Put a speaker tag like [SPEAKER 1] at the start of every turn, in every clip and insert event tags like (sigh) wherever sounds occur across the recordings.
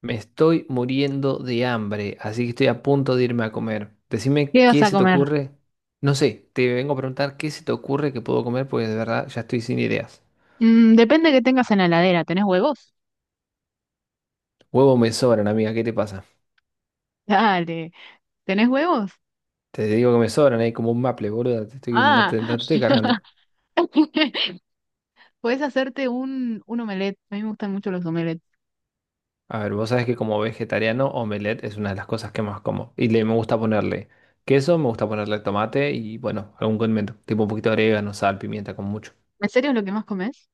[SPEAKER 1] Me estoy muriendo de hambre, así que estoy a punto de irme a comer. Decime
[SPEAKER 2] ¿Qué vas
[SPEAKER 1] qué
[SPEAKER 2] a
[SPEAKER 1] se te
[SPEAKER 2] comer?
[SPEAKER 1] ocurre. No sé, te vengo a preguntar qué se te ocurre que puedo comer porque de verdad ya estoy sin ideas.
[SPEAKER 2] Mm, depende que tengas en la heladera. ¿Tenés huevos?
[SPEAKER 1] Huevos me sobran, amiga, ¿qué te pasa?
[SPEAKER 2] (laughs) Dale. ¿Tenés huevos?
[SPEAKER 1] Te digo que me sobran, hay como un maple, boludo. No
[SPEAKER 2] Ah.
[SPEAKER 1] te, no te estoy cargando.
[SPEAKER 2] (laughs) Podés hacerte un omelette. A mí me gustan mucho los omelettes.
[SPEAKER 1] A ver, vos sabés que como vegetariano, omelette es una de las cosas que más como. Y le me gusta ponerle queso, me gusta ponerle tomate y bueno, algún condimento. Tipo un poquito de orégano, sal, pimienta, con mucho.
[SPEAKER 2] ¿En serio es lo que más comes?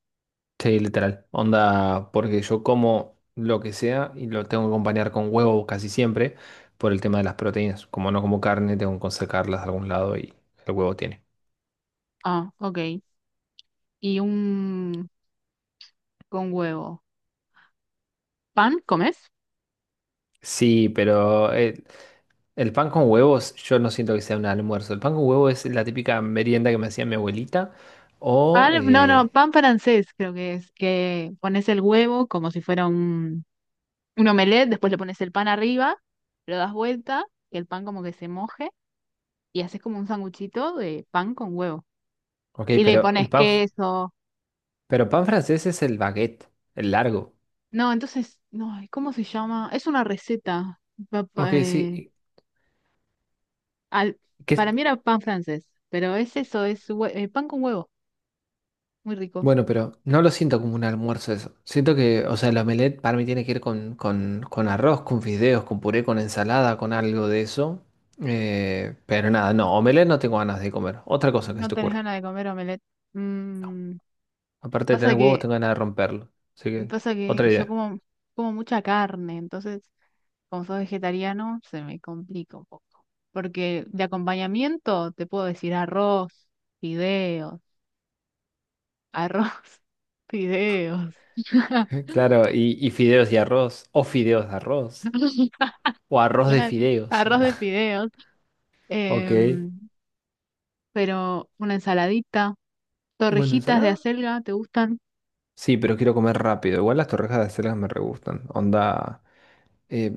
[SPEAKER 1] Sí, literal. Onda, porque yo como lo que sea y lo tengo que acompañar con huevo casi siempre por el tema de las proteínas. Como no como carne, tengo que sacarlas de algún lado y el huevo tiene.
[SPEAKER 2] Ah, ok. Y un con huevo. ¿Pan comes?
[SPEAKER 1] Sí, pero pan con huevos yo no siento que sea un almuerzo. El pan con huevo es la típica merienda que me hacía mi abuelita. O,
[SPEAKER 2] Pan, no, no,
[SPEAKER 1] eh,
[SPEAKER 2] pan francés creo que es. Que pones el huevo como si fuera un omelette, después le pones el pan arriba, lo das vuelta, que el pan como que se moje y haces como un sanguchito de pan con huevo.
[SPEAKER 1] ok,
[SPEAKER 2] Y le
[SPEAKER 1] pero
[SPEAKER 2] pones
[SPEAKER 1] el pan, f-
[SPEAKER 2] queso.
[SPEAKER 1] pero pan francés es el baguette, el largo.
[SPEAKER 2] No, entonces, no, ¿cómo se llama? Es una receta. Pa-
[SPEAKER 1] Ok,
[SPEAKER 2] pa- eh,
[SPEAKER 1] sí.
[SPEAKER 2] al-
[SPEAKER 1] ¿Qué,
[SPEAKER 2] para mí era pan francés, pero es eso, es pan con huevo, muy rico.
[SPEAKER 1] Bueno, pero no lo siento como un almuerzo eso. Siento que, o sea, el omelette para mí tiene que ir con arroz, con fideos, con puré, con ensalada, con algo de eso. Pero nada, no, omelette no tengo ganas de comer. Otra cosa que se
[SPEAKER 2] No
[SPEAKER 1] te
[SPEAKER 2] tenés
[SPEAKER 1] ocurra.
[SPEAKER 2] ganas de comer omelette. Mm,
[SPEAKER 1] Aparte de
[SPEAKER 2] pasa
[SPEAKER 1] tener huevos,
[SPEAKER 2] que,
[SPEAKER 1] tengo ganas de romperlo. Así que,
[SPEAKER 2] pasa que
[SPEAKER 1] otra
[SPEAKER 2] yo
[SPEAKER 1] idea.
[SPEAKER 2] como, como mucha carne, entonces, como soy vegetariano, se me complica un poco. Porque de acompañamiento te puedo decir arroz, fideos, arroz, (laughs) fideos.
[SPEAKER 1] (laughs) Claro, y fideos y arroz. O fideos de arroz. O
[SPEAKER 2] (laughs)
[SPEAKER 1] arroz de
[SPEAKER 2] Claro,
[SPEAKER 1] fideos.
[SPEAKER 2] arroz de
[SPEAKER 1] (laughs)
[SPEAKER 2] fideos,
[SPEAKER 1] Ok.
[SPEAKER 2] em, pero una ensaladita,
[SPEAKER 1] Bueno,
[SPEAKER 2] torrejitas de
[SPEAKER 1] ensalada.
[SPEAKER 2] acelga, ¿te gustan?
[SPEAKER 1] Sí, pero quiero comer rápido. Igual las torrejas de acelgas me re gustan. Onda. Eh,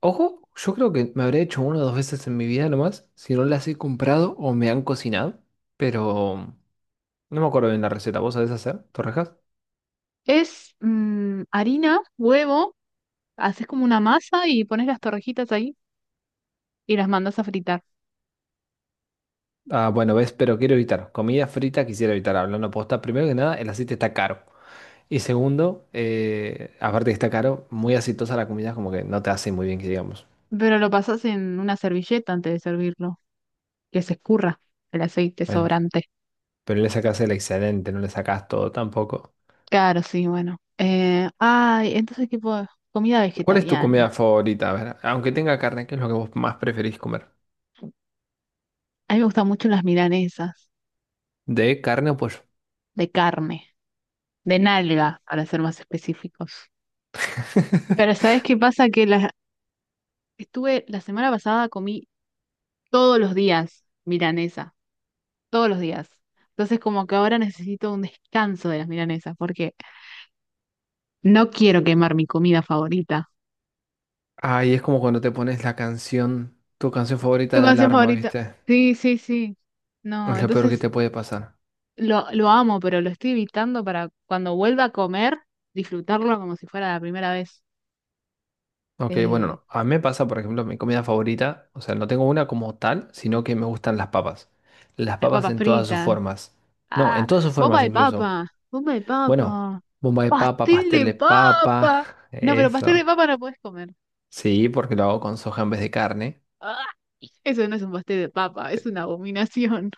[SPEAKER 1] Ojo, yo creo que me habré hecho una o dos veces en mi vida nomás, si no las he comprado o me han cocinado, pero no me acuerdo bien la receta. ¿Vos sabés hacer torrejas?
[SPEAKER 2] Es harina, huevo, haces como una masa y pones las torrejitas ahí y las mandas a fritar.
[SPEAKER 1] Ah, bueno, ves, pero quiero evitar. Comida frita quisiera evitar, hablando posta. Primero que nada, el aceite está caro. Y segundo, aparte que está caro, muy aceitosa la comida, como que no te hace muy bien que digamos.
[SPEAKER 2] Pero lo pasas en una servilleta antes de servirlo, que se escurra el aceite
[SPEAKER 1] Bueno,
[SPEAKER 2] sobrante.
[SPEAKER 1] pero le sacás el excedente, no le sacás todo tampoco.
[SPEAKER 2] Claro, sí, bueno. Ay, entonces tipo de comida
[SPEAKER 1] ¿Cuál es tu
[SPEAKER 2] vegetariana.
[SPEAKER 1] comida favorita? A ver, aunque tenga carne, ¿qué es lo que vos más preferís comer?
[SPEAKER 2] A mí me gustan mucho las milanesas
[SPEAKER 1] ¿De carne o pollo?
[SPEAKER 2] de carne, de nalga, para ser más específicos. Pero ¿sabes qué pasa? Estuve la semana pasada comí todos los días milanesa, todos los días. Entonces como que ahora necesito un descanso de las milanesas porque no quiero quemar mi comida favorita.
[SPEAKER 1] Ay, es como cuando te pones la canción, tu canción
[SPEAKER 2] ¿Tu
[SPEAKER 1] favorita de
[SPEAKER 2] canción
[SPEAKER 1] alarma,
[SPEAKER 2] favorita?
[SPEAKER 1] ¿viste?
[SPEAKER 2] Sí, sí, sí. No,
[SPEAKER 1] Es lo peor que
[SPEAKER 2] entonces
[SPEAKER 1] te puede pasar.
[SPEAKER 2] lo amo, pero lo estoy evitando para cuando vuelva a comer, disfrutarlo como si fuera la primera vez.
[SPEAKER 1] Ok, bueno,
[SPEAKER 2] Eh,
[SPEAKER 1] no. A mí me pasa, por ejemplo, mi comida favorita, o sea, no tengo una como tal, sino que me gustan las papas. Las
[SPEAKER 2] las
[SPEAKER 1] papas
[SPEAKER 2] papas
[SPEAKER 1] en todas sus
[SPEAKER 2] fritas.
[SPEAKER 1] formas. No,
[SPEAKER 2] Ah,
[SPEAKER 1] en todas sus
[SPEAKER 2] bomba
[SPEAKER 1] formas
[SPEAKER 2] de
[SPEAKER 1] incluso.
[SPEAKER 2] papa, bomba de
[SPEAKER 1] Bueno,
[SPEAKER 2] papa.
[SPEAKER 1] bomba de papa,
[SPEAKER 2] ¡Pastel
[SPEAKER 1] pastel
[SPEAKER 2] de
[SPEAKER 1] de papa,
[SPEAKER 2] papa!
[SPEAKER 1] (laughs)
[SPEAKER 2] No, pero pastel de
[SPEAKER 1] eso.
[SPEAKER 2] papa no puedes comer.
[SPEAKER 1] Sí, porque lo hago con soja en vez de carne.
[SPEAKER 2] ¡Ah! Eso no es un pastel de papa, es una abominación.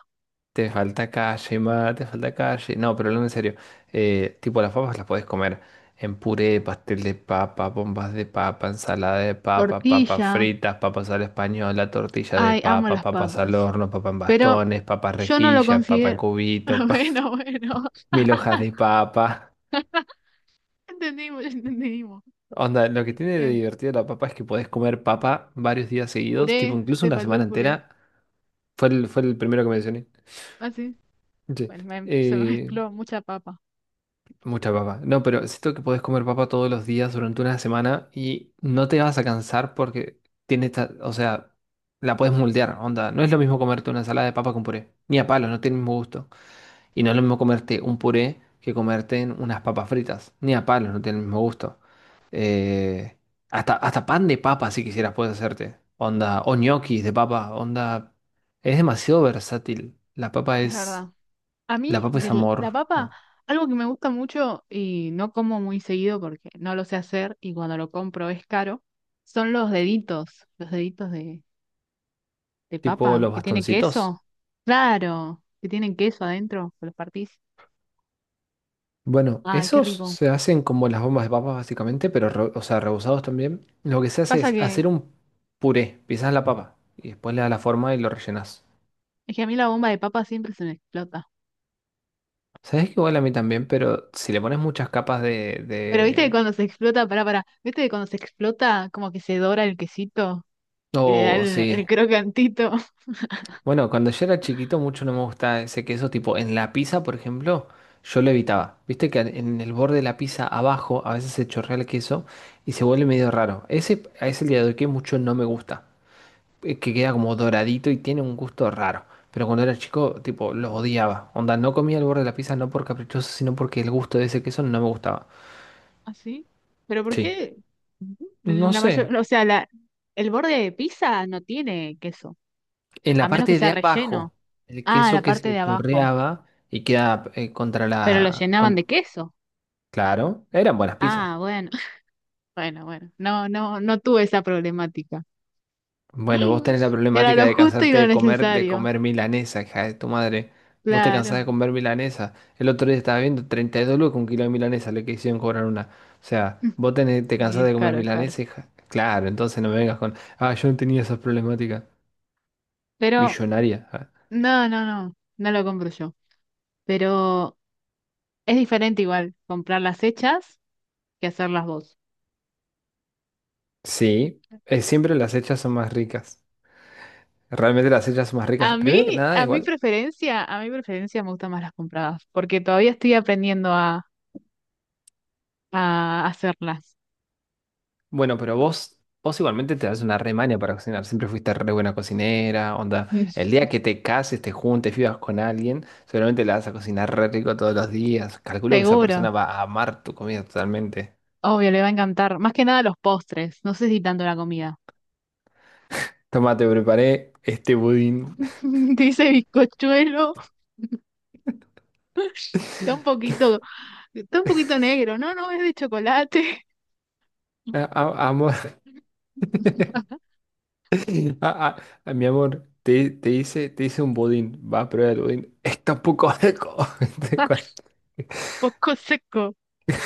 [SPEAKER 1] Te falta calle, ma, te falta calle. No, pero hablando en serio, tipo las papas las podés comer en puré, pastel de papa, bombas de papa, ensalada de papa, papas
[SPEAKER 2] Tortilla.
[SPEAKER 1] fritas, papas a la española, tortilla de
[SPEAKER 2] Ay, amo
[SPEAKER 1] papa,
[SPEAKER 2] las
[SPEAKER 1] papas al
[SPEAKER 2] papas.
[SPEAKER 1] horno, papa en
[SPEAKER 2] Pero
[SPEAKER 1] bastones, papa
[SPEAKER 2] yo no lo
[SPEAKER 1] rejilla, papa en
[SPEAKER 2] considero. (laughs)
[SPEAKER 1] cubito, (laughs)
[SPEAKER 2] Bueno, bueno.
[SPEAKER 1] mil hojas de papa.
[SPEAKER 2] Entendimos, ya entendimos.
[SPEAKER 1] Onda, lo que tiene de
[SPEAKER 2] Este,
[SPEAKER 1] divertido la papa es que podés comer papa varios días seguidos, tipo
[SPEAKER 2] puré,
[SPEAKER 1] incluso
[SPEAKER 2] te
[SPEAKER 1] una
[SPEAKER 2] faltó
[SPEAKER 1] semana
[SPEAKER 2] el puré.
[SPEAKER 1] entera. Fue el primero que mencioné.
[SPEAKER 2] Ah, sí.
[SPEAKER 1] Sí.
[SPEAKER 2] Bueno, se me
[SPEAKER 1] Eh,
[SPEAKER 2] mezcló mucha papa.
[SPEAKER 1] Mucha papa. No, pero siento que podés comer papa todos los días durante una semana y no te vas a cansar porque tiene esta, o sea, la puedes moldear, onda. No es lo mismo comerte una ensalada de papa con puré, ni a palo, no tiene el mismo gusto. Y no es lo mismo comerte un puré que comerte en unas papas fritas, ni a palo, no tiene el mismo gusto. Eh, hasta pan de papa si quisieras puedes hacerte, onda, o ñoquis de papa, onda. Es demasiado versátil.
[SPEAKER 2] Es verdad. A
[SPEAKER 1] La
[SPEAKER 2] mí,
[SPEAKER 1] papa es
[SPEAKER 2] de la
[SPEAKER 1] amor,
[SPEAKER 2] papa,
[SPEAKER 1] ah,
[SPEAKER 2] algo que me gusta mucho y no como muy seguido porque no lo sé hacer y cuando lo compro es caro, son los deditos de
[SPEAKER 1] Tipo
[SPEAKER 2] papa
[SPEAKER 1] los
[SPEAKER 2] que tiene
[SPEAKER 1] bastoncitos.
[SPEAKER 2] queso. Claro, que tienen queso adentro, que los partís.
[SPEAKER 1] Bueno,
[SPEAKER 2] Ay, qué
[SPEAKER 1] esos
[SPEAKER 2] rico.
[SPEAKER 1] se hacen como las bombas de papas básicamente, pero o sea, rebusados también. Lo que se hace
[SPEAKER 2] Pasa
[SPEAKER 1] es
[SPEAKER 2] que
[SPEAKER 1] hacer un puré, pisas la papa y después le das la forma y lo rellenas.
[SPEAKER 2] es que a mí la bomba de papa siempre se me explota.
[SPEAKER 1] Sabes que igual a mí también, pero si le pones muchas capas de,
[SPEAKER 2] Pero viste que
[SPEAKER 1] de...
[SPEAKER 2] cuando se explota, pará, pará, viste que cuando se explota como que se dora el quesito, que le da
[SPEAKER 1] Oh, sí.
[SPEAKER 2] el crocantito.
[SPEAKER 1] Bueno, cuando yo era chiquito mucho no me gustaba ese queso, tipo en la pizza, por ejemplo, yo lo evitaba. Viste que en el borde de la pizza abajo a veces se chorrea el queso y se vuelve medio raro. A ese día de hoy que mucho no me gusta. Que queda como doradito y tiene un gusto raro. Pero cuando era chico, tipo, lo odiaba. Onda, no comía el borde de la pizza no por caprichoso, sino porque el gusto de ese queso no me gustaba.
[SPEAKER 2] ¿Ah, sí? ¿Pero por
[SPEAKER 1] Sí.
[SPEAKER 2] qué
[SPEAKER 1] No
[SPEAKER 2] la
[SPEAKER 1] sé.
[SPEAKER 2] mayor, o sea, la, el borde de pizza no tiene queso,
[SPEAKER 1] En
[SPEAKER 2] a
[SPEAKER 1] la
[SPEAKER 2] menos que
[SPEAKER 1] parte
[SPEAKER 2] sea
[SPEAKER 1] de abajo,
[SPEAKER 2] relleno?
[SPEAKER 1] el
[SPEAKER 2] Ah,
[SPEAKER 1] queso
[SPEAKER 2] la
[SPEAKER 1] que
[SPEAKER 2] parte
[SPEAKER 1] se
[SPEAKER 2] de abajo.
[SPEAKER 1] torreaba y queda contra
[SPEAKER 2] Pero lo
[SPEAKER 1] la...
[SPEAKER 2] llenaban de
[SPEAKER 1] con-
[SPEAKER 2] queso.
[SPEAKER 1] Claro, eran buenas
[SPEAKER 2] Ah,
[SPEAKER 1] pizzas.
[SPEAKER 2] bueno, (laughs) bueno, bueno. No, no, no tuve esa problemática.
[SPEAKER 1] Bueno, vos tenés la
[SPEAKER 2] (laughs) Era
[SPEAKER 1] problemática
[SPEAKER 2] lo
[SPEAKER 1] de
[SPEAKER 2] justo y
[SPEAKER 1] cansarte
[SPEAKER 2] lo
[SPEAKER 1] de comer, de
[SPEAKER 2] necesario.
[SPEAKER 1] comer milanesa, hija de tu madre. Vos te cansás de
[SPEAKER 2] Claro.
[SPEAKER 1] comer milanesa. El otro día estaba viendo 32 lucas un kilo de milanesa, le quisieron cobrar una. O sea,
[SPEAKER 2] (laughs)
[SPEAKER 1] te
[SPEAKER 2] Sí,
[SPEAKER 1] cansás
[SPEAKER 2] es
[SPEAKER 1] de comer
[SPEAKER 2] caro, es caro.
[SPEAKER 1] milanesa, hija. Claro, entonces no me vengas con, yo no tenía esas problemáticas.
[SPEAKER 2] Pero
[SPEAKER 1] Millonaria. Ah.
[SPEAKER 2] no, no, no, no lo compro yo. Pero es diferente igual comprar las hechas que hacerlas vos.
[SPEAKER 1] Sí, siempre las hechas son más ricas. Realmente las hechas son más ricas.
[SPEAKER 2] A mí,
[SPEAKER 1] Primero que nada, igual.
[SPEAKER 2] a mi preferencia me gustan más las compradas, porque todavía estoy aprendiendo a hacerlas.
[SPEAKER 1] Bueno, pero vos igualmente te das una remaña para cocinar. Siempre fuiste re buena cocinera, onda. El
[SPEAKER 2] (laughs)
[SPEAKER 1] día que te cases, te juntes, vivas con alguien, seguramente la vas a cocinar re rico todos los días. Calculo que esa
[SPEAKER 2] Seguro,
[SPEAKER 1] persona va a amar tu comida totalmente.
[SPEAKER 2] obvio, le va a encantar. Más que nada los postres, no sé si tanto la comida.
[SPEAKER 1] Toma, te preparé este budín.
[SPEAKER 2] (laughs) Dice bizcochuelo, está un poquito, está un poquito negro. No, no, es de chocolate.
[SPEAKER 1] (laughs) Amor,
[SPEAKER 2] (laughs)
[SPEAKER 1] (laughs) a- a- mi amor, te hice un budín. Va a probar el budín. (laughs) Está un poco seco. (laughs)
[SPEAKER 2] Ah, poco seco.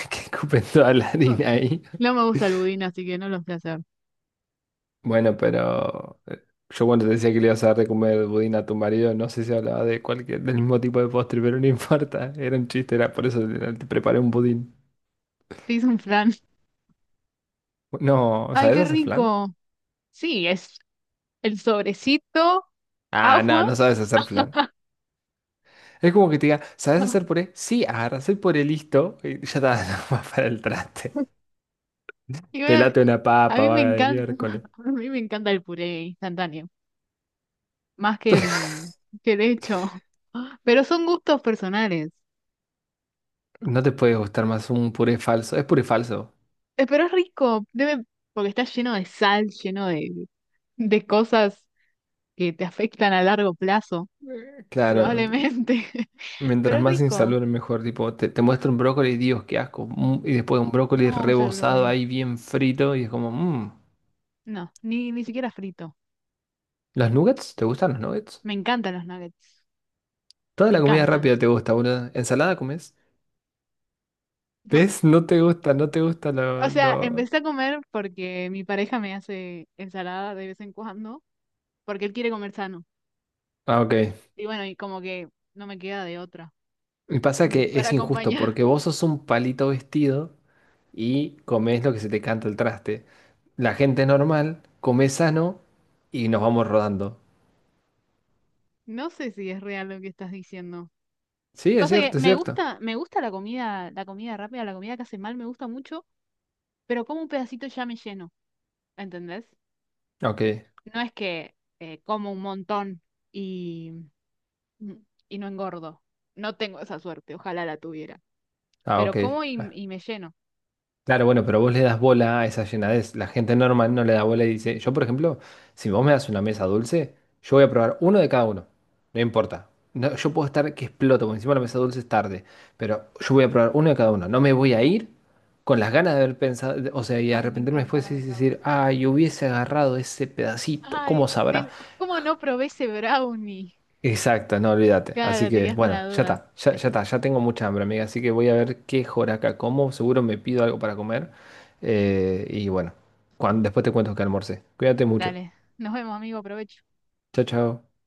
[SPEAKER 1] Que escupen toda la harina ahí.
[SPEAKER 2] No me gusta el budín, así que no lo voy a hacer.
[SPEAKER 1] Bueno, pero yo cuando te decía que le ibas a dar de comer budín a tu marido, no sé si hablaba de cualquier, del mismo tipo de postre, pero no (laughs) importa, era un chiste, era por eso te preparé un budín.
[SPEAKER 2] Te hice un flan.
[SPEAKER 1] No,
[SPEAKER 2] Ay,
[SPEAKER 1] ¿sabes
[SPEAKER 2] qué
[SPEAKER 1] hacer flan?
[SPEAKER 2] rico. Sí, es el sobrecito,
[SPEAKER 1] Ah, no,
[SPEAKER 2] agua.
[SPEAKER 1] no sabes hacer flan. Es como que te diga, ¿sabes hacer
[SPEAKER 2] (laughs)
[SPEAKER 1] puré? Sí, agarras el puré listo y ya está, (laughs) no va para el traste.
[SPEAKER 2] Y bueno,
[SPEAKER 1] Pelate una
[SPEAKER 2] a
[SPEAKER 1] papa,
[SPEAKER 2] mí me
[SPEAKER 1] vaga de
[SPEAKER 2] encanta,
[SPEAKER 1] miércoles.
[SPEAKER 2] (laughs) a mí me encanta el puré instantáneo, más que
[SPEAKER 1] (laughs)
[SPEAKER 2] que el hecho. (laughs) Pero son gustos personales.
[SPEAKER 1] No te puede gustar más un puré falso. Es puré falso.
[SPEAKER 2] Pero es rico, debe, porque está lleno de sal, lleno de cosas que te afectan a largo plazo,
[SPEAKER 1] Claro.
[SPEAKER 2] probablemente. (laughs) Pero
[SPEAKER 1] Mientras
[SPEAKER 2] es
[SPEAKER 1] más
[SPEAKER 2] rico.
[SPEAKER 1] insalubre, mejor. Tipo, te muestra un brócoli, Dios, qué asco. Y después un
[SPEAKER 2] No
[SPEAKER 1] brócoli
[SPEAKER 2] me gusta el
[SPEAKER 1] rebozado
[SPEAKER 2] brócoli.
[SPEAKER 1] ahí bien frito. Y es como, mmm.
[SPEAKER 2] No, ni, ni siquiera frito.
[SPEAKER 1] ¿Los nuggets? ¿Te gustan los nuggets?
[SPEAKER 2] Me encantan los nuggets.
[SPEAKER 1] Toda
[SPEAKER 2] Me
[SPEAKER 1] la comida
[SPEAKER 2] encantan.
[SPEAKER 1] rápida te gusta, boludo. ¿Ensalada comes?
[SPEAKER 2] No.
[SPEAKER 1] ¿Ves? No te gusta, no te gusta
[SPEAKER 2] O
[SPEAKER 1] lo,
[SPEAKER 2] sea,
[SPEAKER 1] lo...
[SPEAKER 2] empecé a comer porque mi pareja me hace ensalada de vez en cuando. Porque él quiere comer sano.
[SPEAKER 1] Ah, ok.
[SPEAKER 2] Y bueno, y como que no me queda de otra
[SPEAKER 1] Y pasa
[SPEAKER 2] (laughs)
[SPEAKER 1] que
[SPEAKER 2] para
[SPEAKER 1] es injusto
[SPEAKER 2] acompañar.
[SPEAKER 1] porque vos sos un palito vestido y comés lo que se te canta el traste. La gente normal come sano y nos vamos rodando.
[SPEAKER 2] No sé si es real lo que estás diciendo.
[SPEAKER 1] Sí, es
[SPEAKER 2] Pasa que
[SPEAKER 1] cierto, es cierto.
[SPEAKER 2] me gusta la comida rápida, la comida que hace mal, me gusta mucho, pero como un pedacito ya me lleno, ¿entendés?
[SPEAKER 1] Ok.
[SPEAKER 2] No es que como un montón y, mm, y no engordo. No tengo esa suerte, ojalá la tuviera.
[SPEAKER 1] Ah,
[SPEAKER 2] Pero
[SPEAKER 1] ok.
[SPEAKER 2] como y me lleno.
[SPEAKER 1] Claro, bueno, pero vos le das bola a esa llenadez. La gente normal no le da bola y dice, yo por ejemplo, si vos me das una mesa dulce, yo voy a probar uno de cada uno. No importa. No, yo puedo estar que exploto, porque encima la mesa dulce es tarde, pero yo voy a probar uno de cada uno. No me voy a ir con las ganas de haber pensado, o sea, y
[SPEAKER 2] Ay, me
[SPEAKER 1] arrepentirme
[SPEAKER 2] encanta
[SPEAKER 1] después
[SPEAKER 2] la
[SPEAKER 1] y
[SPEAKER 2] mesa
[SPEAKER 1] decir,
[SPEAKER 2] dulce.
[SPEAKER 1] ay, hubiese agarrado ese pedacito,
[SPEAKER 2] Ay,
[SPEAKER 1] ¿cómo sabrá?
[SPEAKER 2] ¿cómo no probé ese brownie?
[SPEAKER 1] Exacto, no olvídate. Así
[SPEAKER 2] Claro, te
[SPEAKER 1] que
[SPEAKER 2] quedas con
[SPEAKER 1] bueno,
[SPEAKER 2] la
[SPEAKER 1] ya
[SPEAKER 2] duda.
[SPEAKER 1] está, ya está, ya tengo mucha hambre, amiga. Así que voy a ver qué joraca como. Seguro me pido algo para comer. Y bueno, después te cuento que almorcé. Cuídate mucho.
[SPEAKER 2] Dale, nos vemos, amigo, provecho.
[SPEAKER 1] Chao, chao.